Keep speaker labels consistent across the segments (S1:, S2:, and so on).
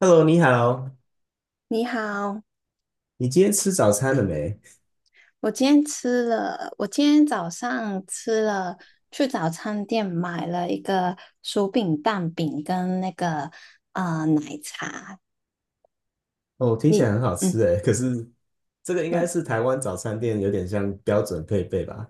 S1: Hello，你好，
S2: 你好，
S1: 你今天吃早餐了没？
S2: 我今天吃了，我今天早上吃了，去早餐店买了一个薯饼蛋饼跟那个
S1: 哦，听起来
S2: 你，
S1: 很好
S2: 嗯，
S1: 吃哎，可是这个应该
S2: 嗯
S1: 是台湾早餐店有点像标准配备吧？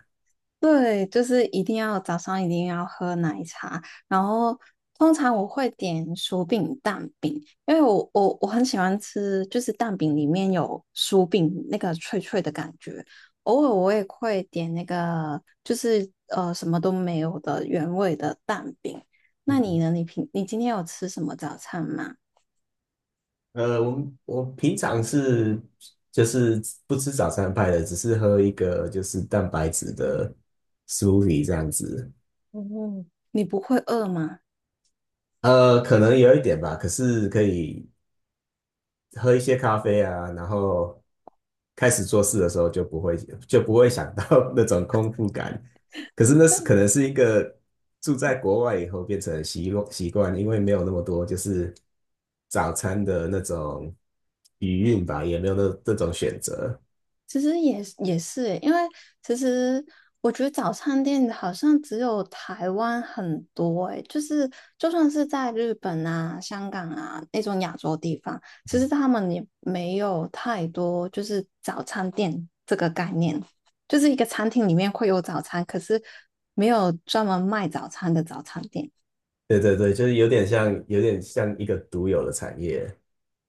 S2: 对，就是一定要早上一定要喝奶茶，然后通常我会点薯饼、蛋饼，因为我很喜欢吃，就是蛋饼里面有薯饼那个脆脆的感觉。偶尔我也会点那个，就是什么都没有的原味的蛋饼。那你
S1: 嗯。
S2: 呢？你你今天有吃什么早餐吗？
S1: 我平常是就是不吃早餐派的，只是喝一个就是蛋白质的 smoothie 这样子。
S2: 嗯，你不会饿吗？
S1: 可能有一点吧，可是可以喝一些咖啡啊，然后开始做事的时候就不会 就不会想到 那种空腹感。可是那是可能是一个住在国外以后变成习惯，因为没有那么多就是早餐的那种余韵吧，也没有那这种选择。
S2: 其实也是欸因为其实我觉得早餐店好像只有台湾很多诶，就是就算是在日本啊、香港啊那种亚洲地方，其实他们也没有太多就是早餐店这个概念，就是一个餐厅里面会有早餐，可是没有专门卖早餐的早餐店。
S1: 对对对，就是有点像一个独有的产业。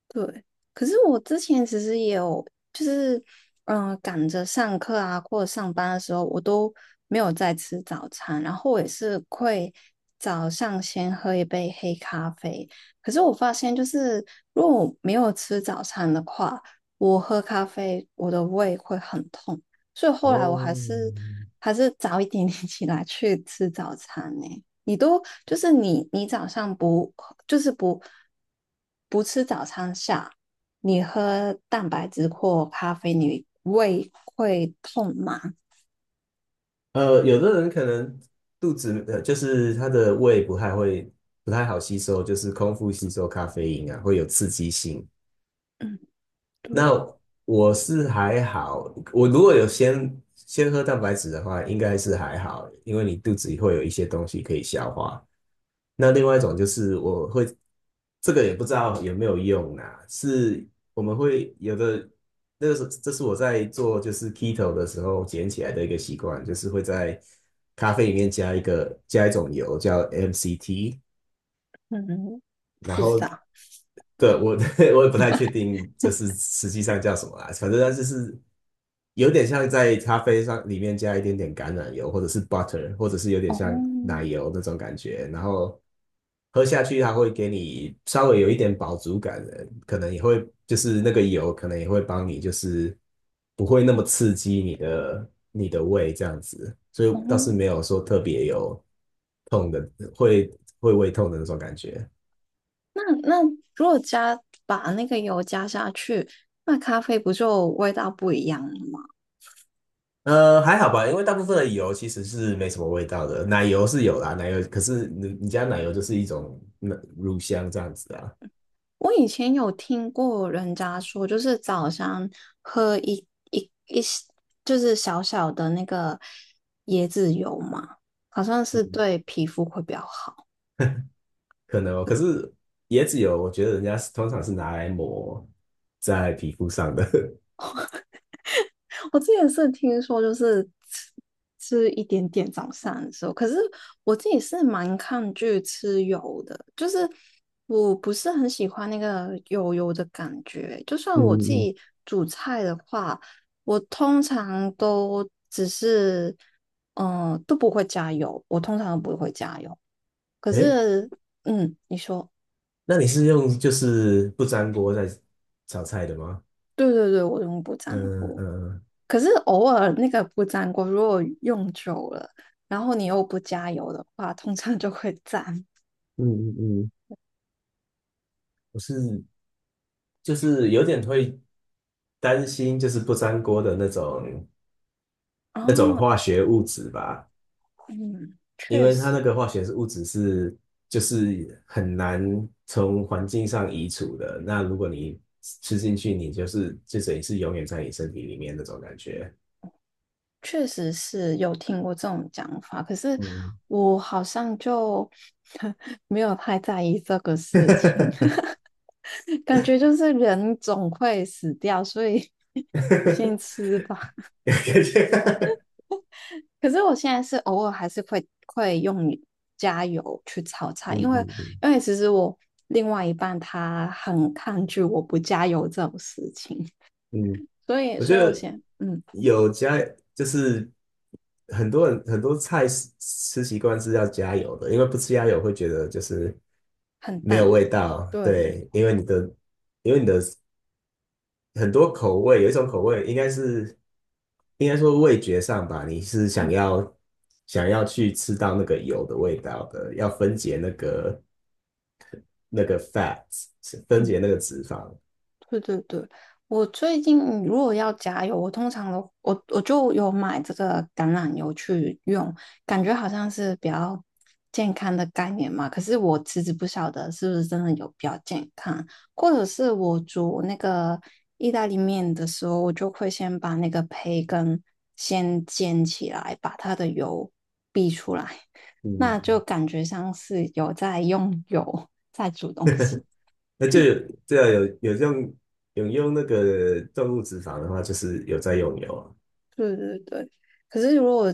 S2: 对，可是我之前其实也有，就是赶着上课啊或者上班的时候，我都没有在吃早餐，然后我也是会早上先喝一杯黑咖啡。可是我发现，就是如果我没有吃早餐的话，我喝咖啡我的胃会很痛，所以后来我还是
S1: 哦，
S2: 还是早一点点起来去吃早餐呢、你都就是你早上不就是不不吃早餐下，你喝蛋白质或咖啡，你胃会痛吗？
S1: 有的人可能肚子就是他的胃不太好吸收，就是空腹吸收咖啡因啊，会有刺激性。
S2: 嗯，
S1: 那
S2: 对，
S1: 我是还好，我如果有先喝蛋白质的话，应该是还好，因为你肚子里会有一些东西可以消化。那另外一种就是我会，这个也不知道有没有用啊，是我们会有的，这是我在做就是 keto 的时候捡起来的一个习惯，就是会在咖啡里面加一种油叫 MCT，
S2: 嗯，
S1: 然
S2: 不知
S1: 后
S2: 道。
S1: 对，我 我也不太确定，就是实际上叫什么啦。反正它就是有点像在咖啡上里面加一点点橄榄油，或者是 butter，或者是有点像奶
S2: 哦，
S1: 油那种感觉。然后喝下去，它会给你稍微有一点饱足感的，可能也会就是那个油，可能也会帮你，就是不会那么刺激你的胃这样子。所以
S2: 哦，
S1: 倒是没有说特别有痛的，会会胃痛的那种感觉。
S2: 那如果加把那个油加下去，那咖啡不就味道不一样了吗？
S1: 还好吧，因为大部分的油其实是没什么味道的，奶油是有啦，奶油可是你家奶油就是一种那乳香这样子啊，
S2: 我以前有听过人家说，就是早上喝一就是小小的那个椰子油嘛，好像是
S1: 嗯，
S2: 对皮肤会比较好。
S1: 可能哦。可是椰子油，我觉得人家是通常是拿来抹在皮肤上的。
S2: 我之前是听说，就是吃吃一点点早餐的时候，可是我自己是蛮抗拒吃油的，就是我不是很喜欢那个油油的感觉。就
S1: 嗯
S2: 算我自
S1: 嗯，
S2: 己煮菜的话，我通常都只是都不会加油，我通常都不会加油。可
S1: 诶，
S2: 是嗯，你说
S1: 那你是用就是不粘锅在炒菜的吗？
S2: 对对对，我用不粘
S1: 嗯
S2: 锅。
S1: 嗯，
S2: 可是偶尔那个不粘锅，如果用久了，然后你又不加油的话，通常就会粘。
S1: 嗯嗯嗯，我是就是有点会担心，就是不粘锅的那种
S2: 哦，
S1: 化学物质吧。
S2: 嗯，
S1: 因
S2: 确
S1: 为它那
S2: 实，
S1: 个化学是物质是就是很难从环境上移除的，那如果你吃进去，你就是就等于是永远在你身体里面那种感觉。
S2: 确实是有听过这种讲法，可是
S1: 嗯，
S2: 我好像就 没有太在意这个事情，感觉就是人总会死掉，所以 先吃吧。
S1: 有感觉。
S2: 可是我现在是偶尔还是会用加油去炒 菜，
S1: 嗯
S2: 因为
S1: 嗯嗯
S2: 因为其实我另外一半他很抗拒我不加油这种事情，
S1: 嗯，
S2: 所以
S1: 我觉
S2: 所以我
S1: 得
S2: 先嗯
S1: 有加就是很多人很多菜吃习惯是要加油的，因为不吃加油会觉得就是
S2: 很
S1: 没有
S2: 淡，
S1: 味道。
S2: 对，
S1: 对，因为你的因为你的很多口味，有一种口味应该说味觉上吧，你是想
S2: 嗯
S1: 要想要去吃到那个油的味道的，要分解那个 fat，分
S2: 嗯。
S1: 解那个脂肪。
S2: 对对对，我最近如果要加油，我通常我就有买这个橄榄油去用，感觉好像是比较健康的概念嘛。可是我其实不晓得是不是真的有比较健康，或者是我煮那个意大利面的时候，我就会先把那个培根先煎起来，把它的油逼出来，
S1: 嗯，
S2: 那就感觉像是有在用油在煮东 西。
S1: 那就有对啊，有有用有用那个动物脂肪的话，就是有在用油啊。
S2: 对对对。可是如果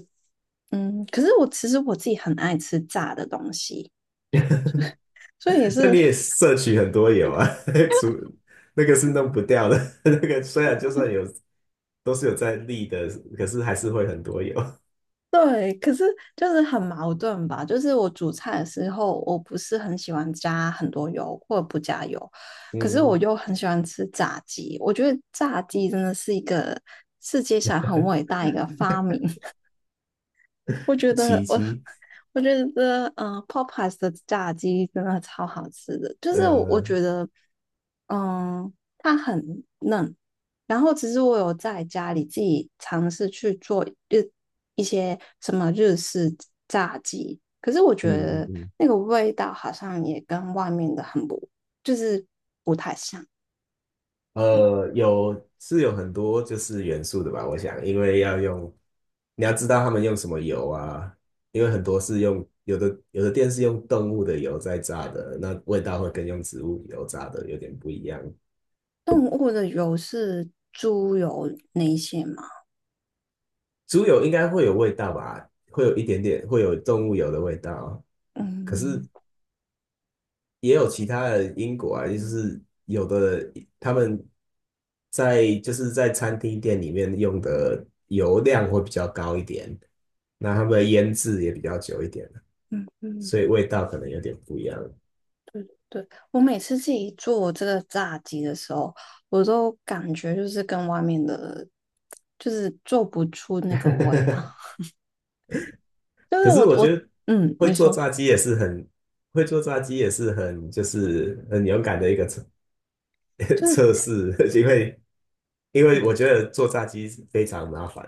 S2: 嗯，可是我其实我自己很爱吃炸的东西，所以也
S1: 那
S2: 是
S1: 你也 摄取很多油啊，除那个是弄不掉的，那个虽然就算有都是有在立的，可是还是会很多油。
S2: 对，可是就是很矛盾吧。就是我煮菜的时候，我不是很喜欢加很多油或者不加油，可是我
S1: 嗯
S2: 又很喜欢吃炸鸡。我觉得炸鸡真的是一个世界上很伟大一个发明，我觉得
S1: 奇
S2: 我，
S1: 迹，
S2: 我觉得，p o p e y e s 的炸鸡真的超好吃的，就是我
S1: 呃
S2: 觉得，嗯，它很嫩。然后其实我有在家里自己尝试去做日一些什么日式炸鸡，可是我觉
S1: 嗯嗯
S2: 得
S1: 嗯，
S2: 那个味道好像也跟外面的很不，就是不太像。
S1: 是有很多就是元素的吧，我想，因为要用，你要知道他们用什么油啊，因为很多是用有的店是用动物的油在炸的，那味道会跟用植物油炸的有点不一样。
S2: 动物的油是猪油那一些吗？
S1: 猪油应该会有味道吧，会有一点点，会有动物油的味道。可是
S2: 嗯
S1: 也有其他的因果啊，就是有的他们在就是在餐厅店里面用的油量会比较高一点，那他们的腌制也比较久一点，
S2: 嗯嗯。
S1: 所以味道可能有点不一样。
S2: 对，我每次自己做这个炸鸡的时候，我都感觉就是跟外面的，就是做不出那个味道。就
S1: 可
S2: 是
S1: 是
S2: 我
S1: 我觉
S2: 我
S1: 得
S2: 嗯，
S1: 会
S2: 你
S1: 做
S2: 说，
S1: 炸鸡也是很会做炸鸡也是很就是很勇敢的一个测
S2: 就
S1: 测
S2: 是
S1: 试，因为因为我觉得做炸鸡非常麻烦，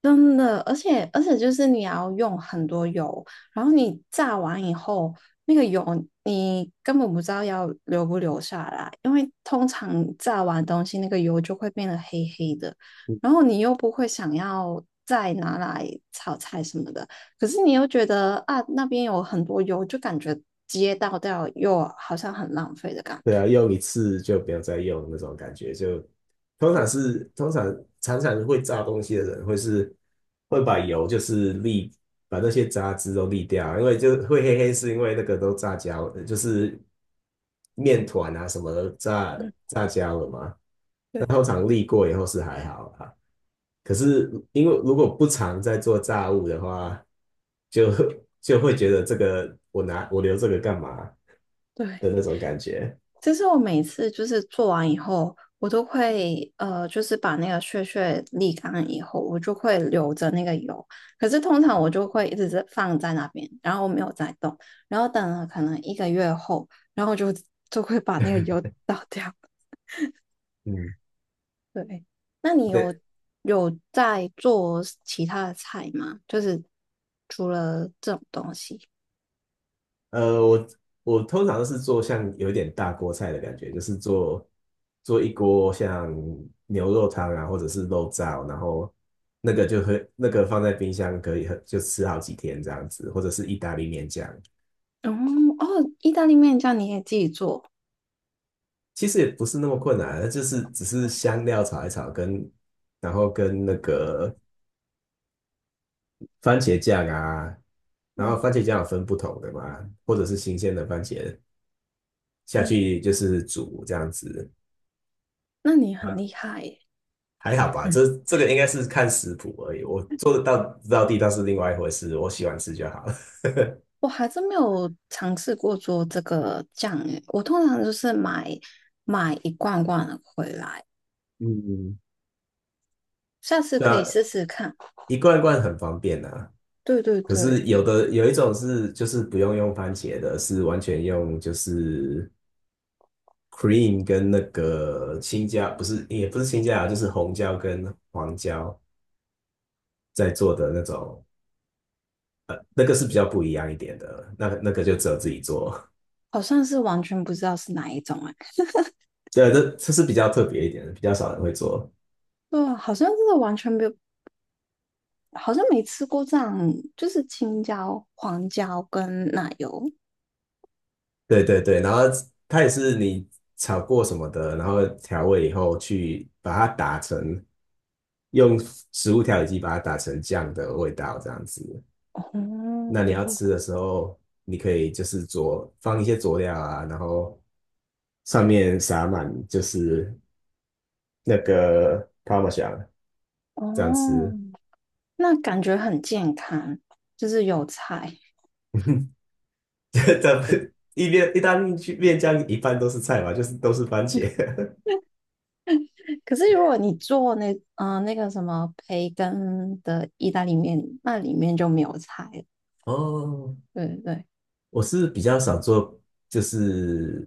S2: 真的，而且就是你要用很多油，然后你炸完以后，那个油你根本不知道要留不留下来，因为通常炸完东西那个油就会变得黑黑的，然后你又不会想要再拿来炒菜什么的，可是你又觉得啊那边有很多油，就感觉直接倒掉又好像很浪费的感
S1: 对啊，
S2: 觉。
S1: 用一次就不要再用那种感觉，就通常
S2: 对
S1: 是通常常常会炸东西的人会把油就是沥把那些杂质都沥掉啊，因为就会黑黑是因为那个都炸焦，就是面团啊什么的炸焦了嘛，那
S2: 对，
S1: 通常沥过以后是还好啦。可是因为如果不常在做炸物的话，就就会觉得这个我留这个干嘛
S2: 对，
S1: 的那种感觉。
S2: 就是我每次就是做完以后，我都会就是把那个屑屑沥干以后，我就会留着那个油。可是通常我就会一直是放在那边，然后我没有再动，然后等了可能一个月后，然后就会把那个油 倒掉。
S1: 嗯，
S2: 对，那你有
S1: 对，
S2: 有在做其他的菜吗？就是除了这种东西，
S1: 呃，我我通常都是做像有一点大锅菜的感觉，就是做一锅像牛肉汤啊，或者是肉燥，然后那个就会那个放在冰箱可以就吃好几天这样子，或者是意大利面酱，
S2: 嗯哦，意大利面酱你也自己做，
S1: 其实也不是那么困难，就是只是香料炒一炒跟然后跟那个番茄酱啊，然后
S2: 嗯
S1: 番茄酱有分不同的嘛，或者是新鲜的番茄下
S2: 嗯，
S1: 去就是煮这样子，
S2: 那你很厉害耶。
S1: 还好吧？这个应该是看食谱而已，我做得到，到地道是另外一回事，我喜欢吃就好了。
S2: 我还真没有尝试过做这个酱诶，我通常就是买一罐罐的回来，
S1: 嗯，
S2: 下次可以
S1: 那
S2: 试试看。
S1: 一罐一罐很方便啊，
S2: 对对
S1: 可
S2: 对，
S1: 是有一种是就是不用番茄的，是完全用就是 cream 跟那个青椒，不是也不是青椒啊，就是红椒跟黄椒在做的那个是比较不一样一点的，那个就只有自己做。
S2: 好像是完全不知道是哪一种诶，
S1: 对，这是比较特别一点的，比较少人会做。
S2: 对啊，好像真的完全没有，好像没吃过这样，就是青椒、黄椒跟奶油。
S1: 对对对，然后它也是你炒过什么的，然后调味以后去把它打成，用食物调理机把它打成酱的味道这样子。
S2: 哦
S1: 那你要吃的时候，你可以就是放一些佐料啊，然后上面撒满就是那个 p a r
S2: 哦，
S1: 这样吃。
S2: 那感觉很健康，就是有菜。
S1: 咱们意大利面酱一半都是菜嘛，就是都是番茄。
S2: 可是如果你做那那个什么培根的意大利面，那里面就没有菜了
S1: 哦，
S2: 对对对，
S1: 我是比较少做就是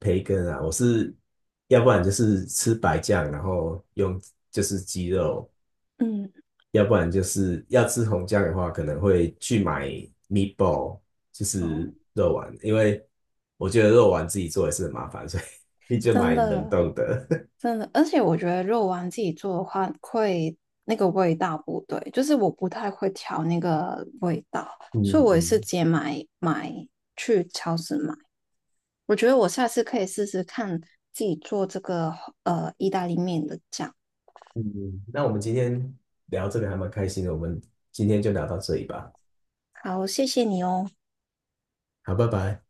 S1: 培根啊，我是要不然就是吃白酱，然后用就是鸡肉，
S2: 嗯，
S1: 要不然就是要吃红酱的话，可能会去买 meatball，就
S2: 哦，
S1: 是肉丸，因为我觉得肉丸自己做也是很麻烦，所以 你就
S2: 真
S1: 买冷
S2: 的
S1: 冻的。
S2: 真的，而且我觉得肉丸自己做的话，会那个味道不对，就是我不太会调那个味道，所以
S1: 嗯
S2: 我也是
S1: 嗯。
S2: 直接买去超市买。我觉得我下次可以试试看自己做这个意大利面的酱。
S1: 嗯，那我们今天聊这个还蛮开心的，我们今天就聊到这里吧。
S2: 好，谢谢你哦。
S1: 好，拜拜。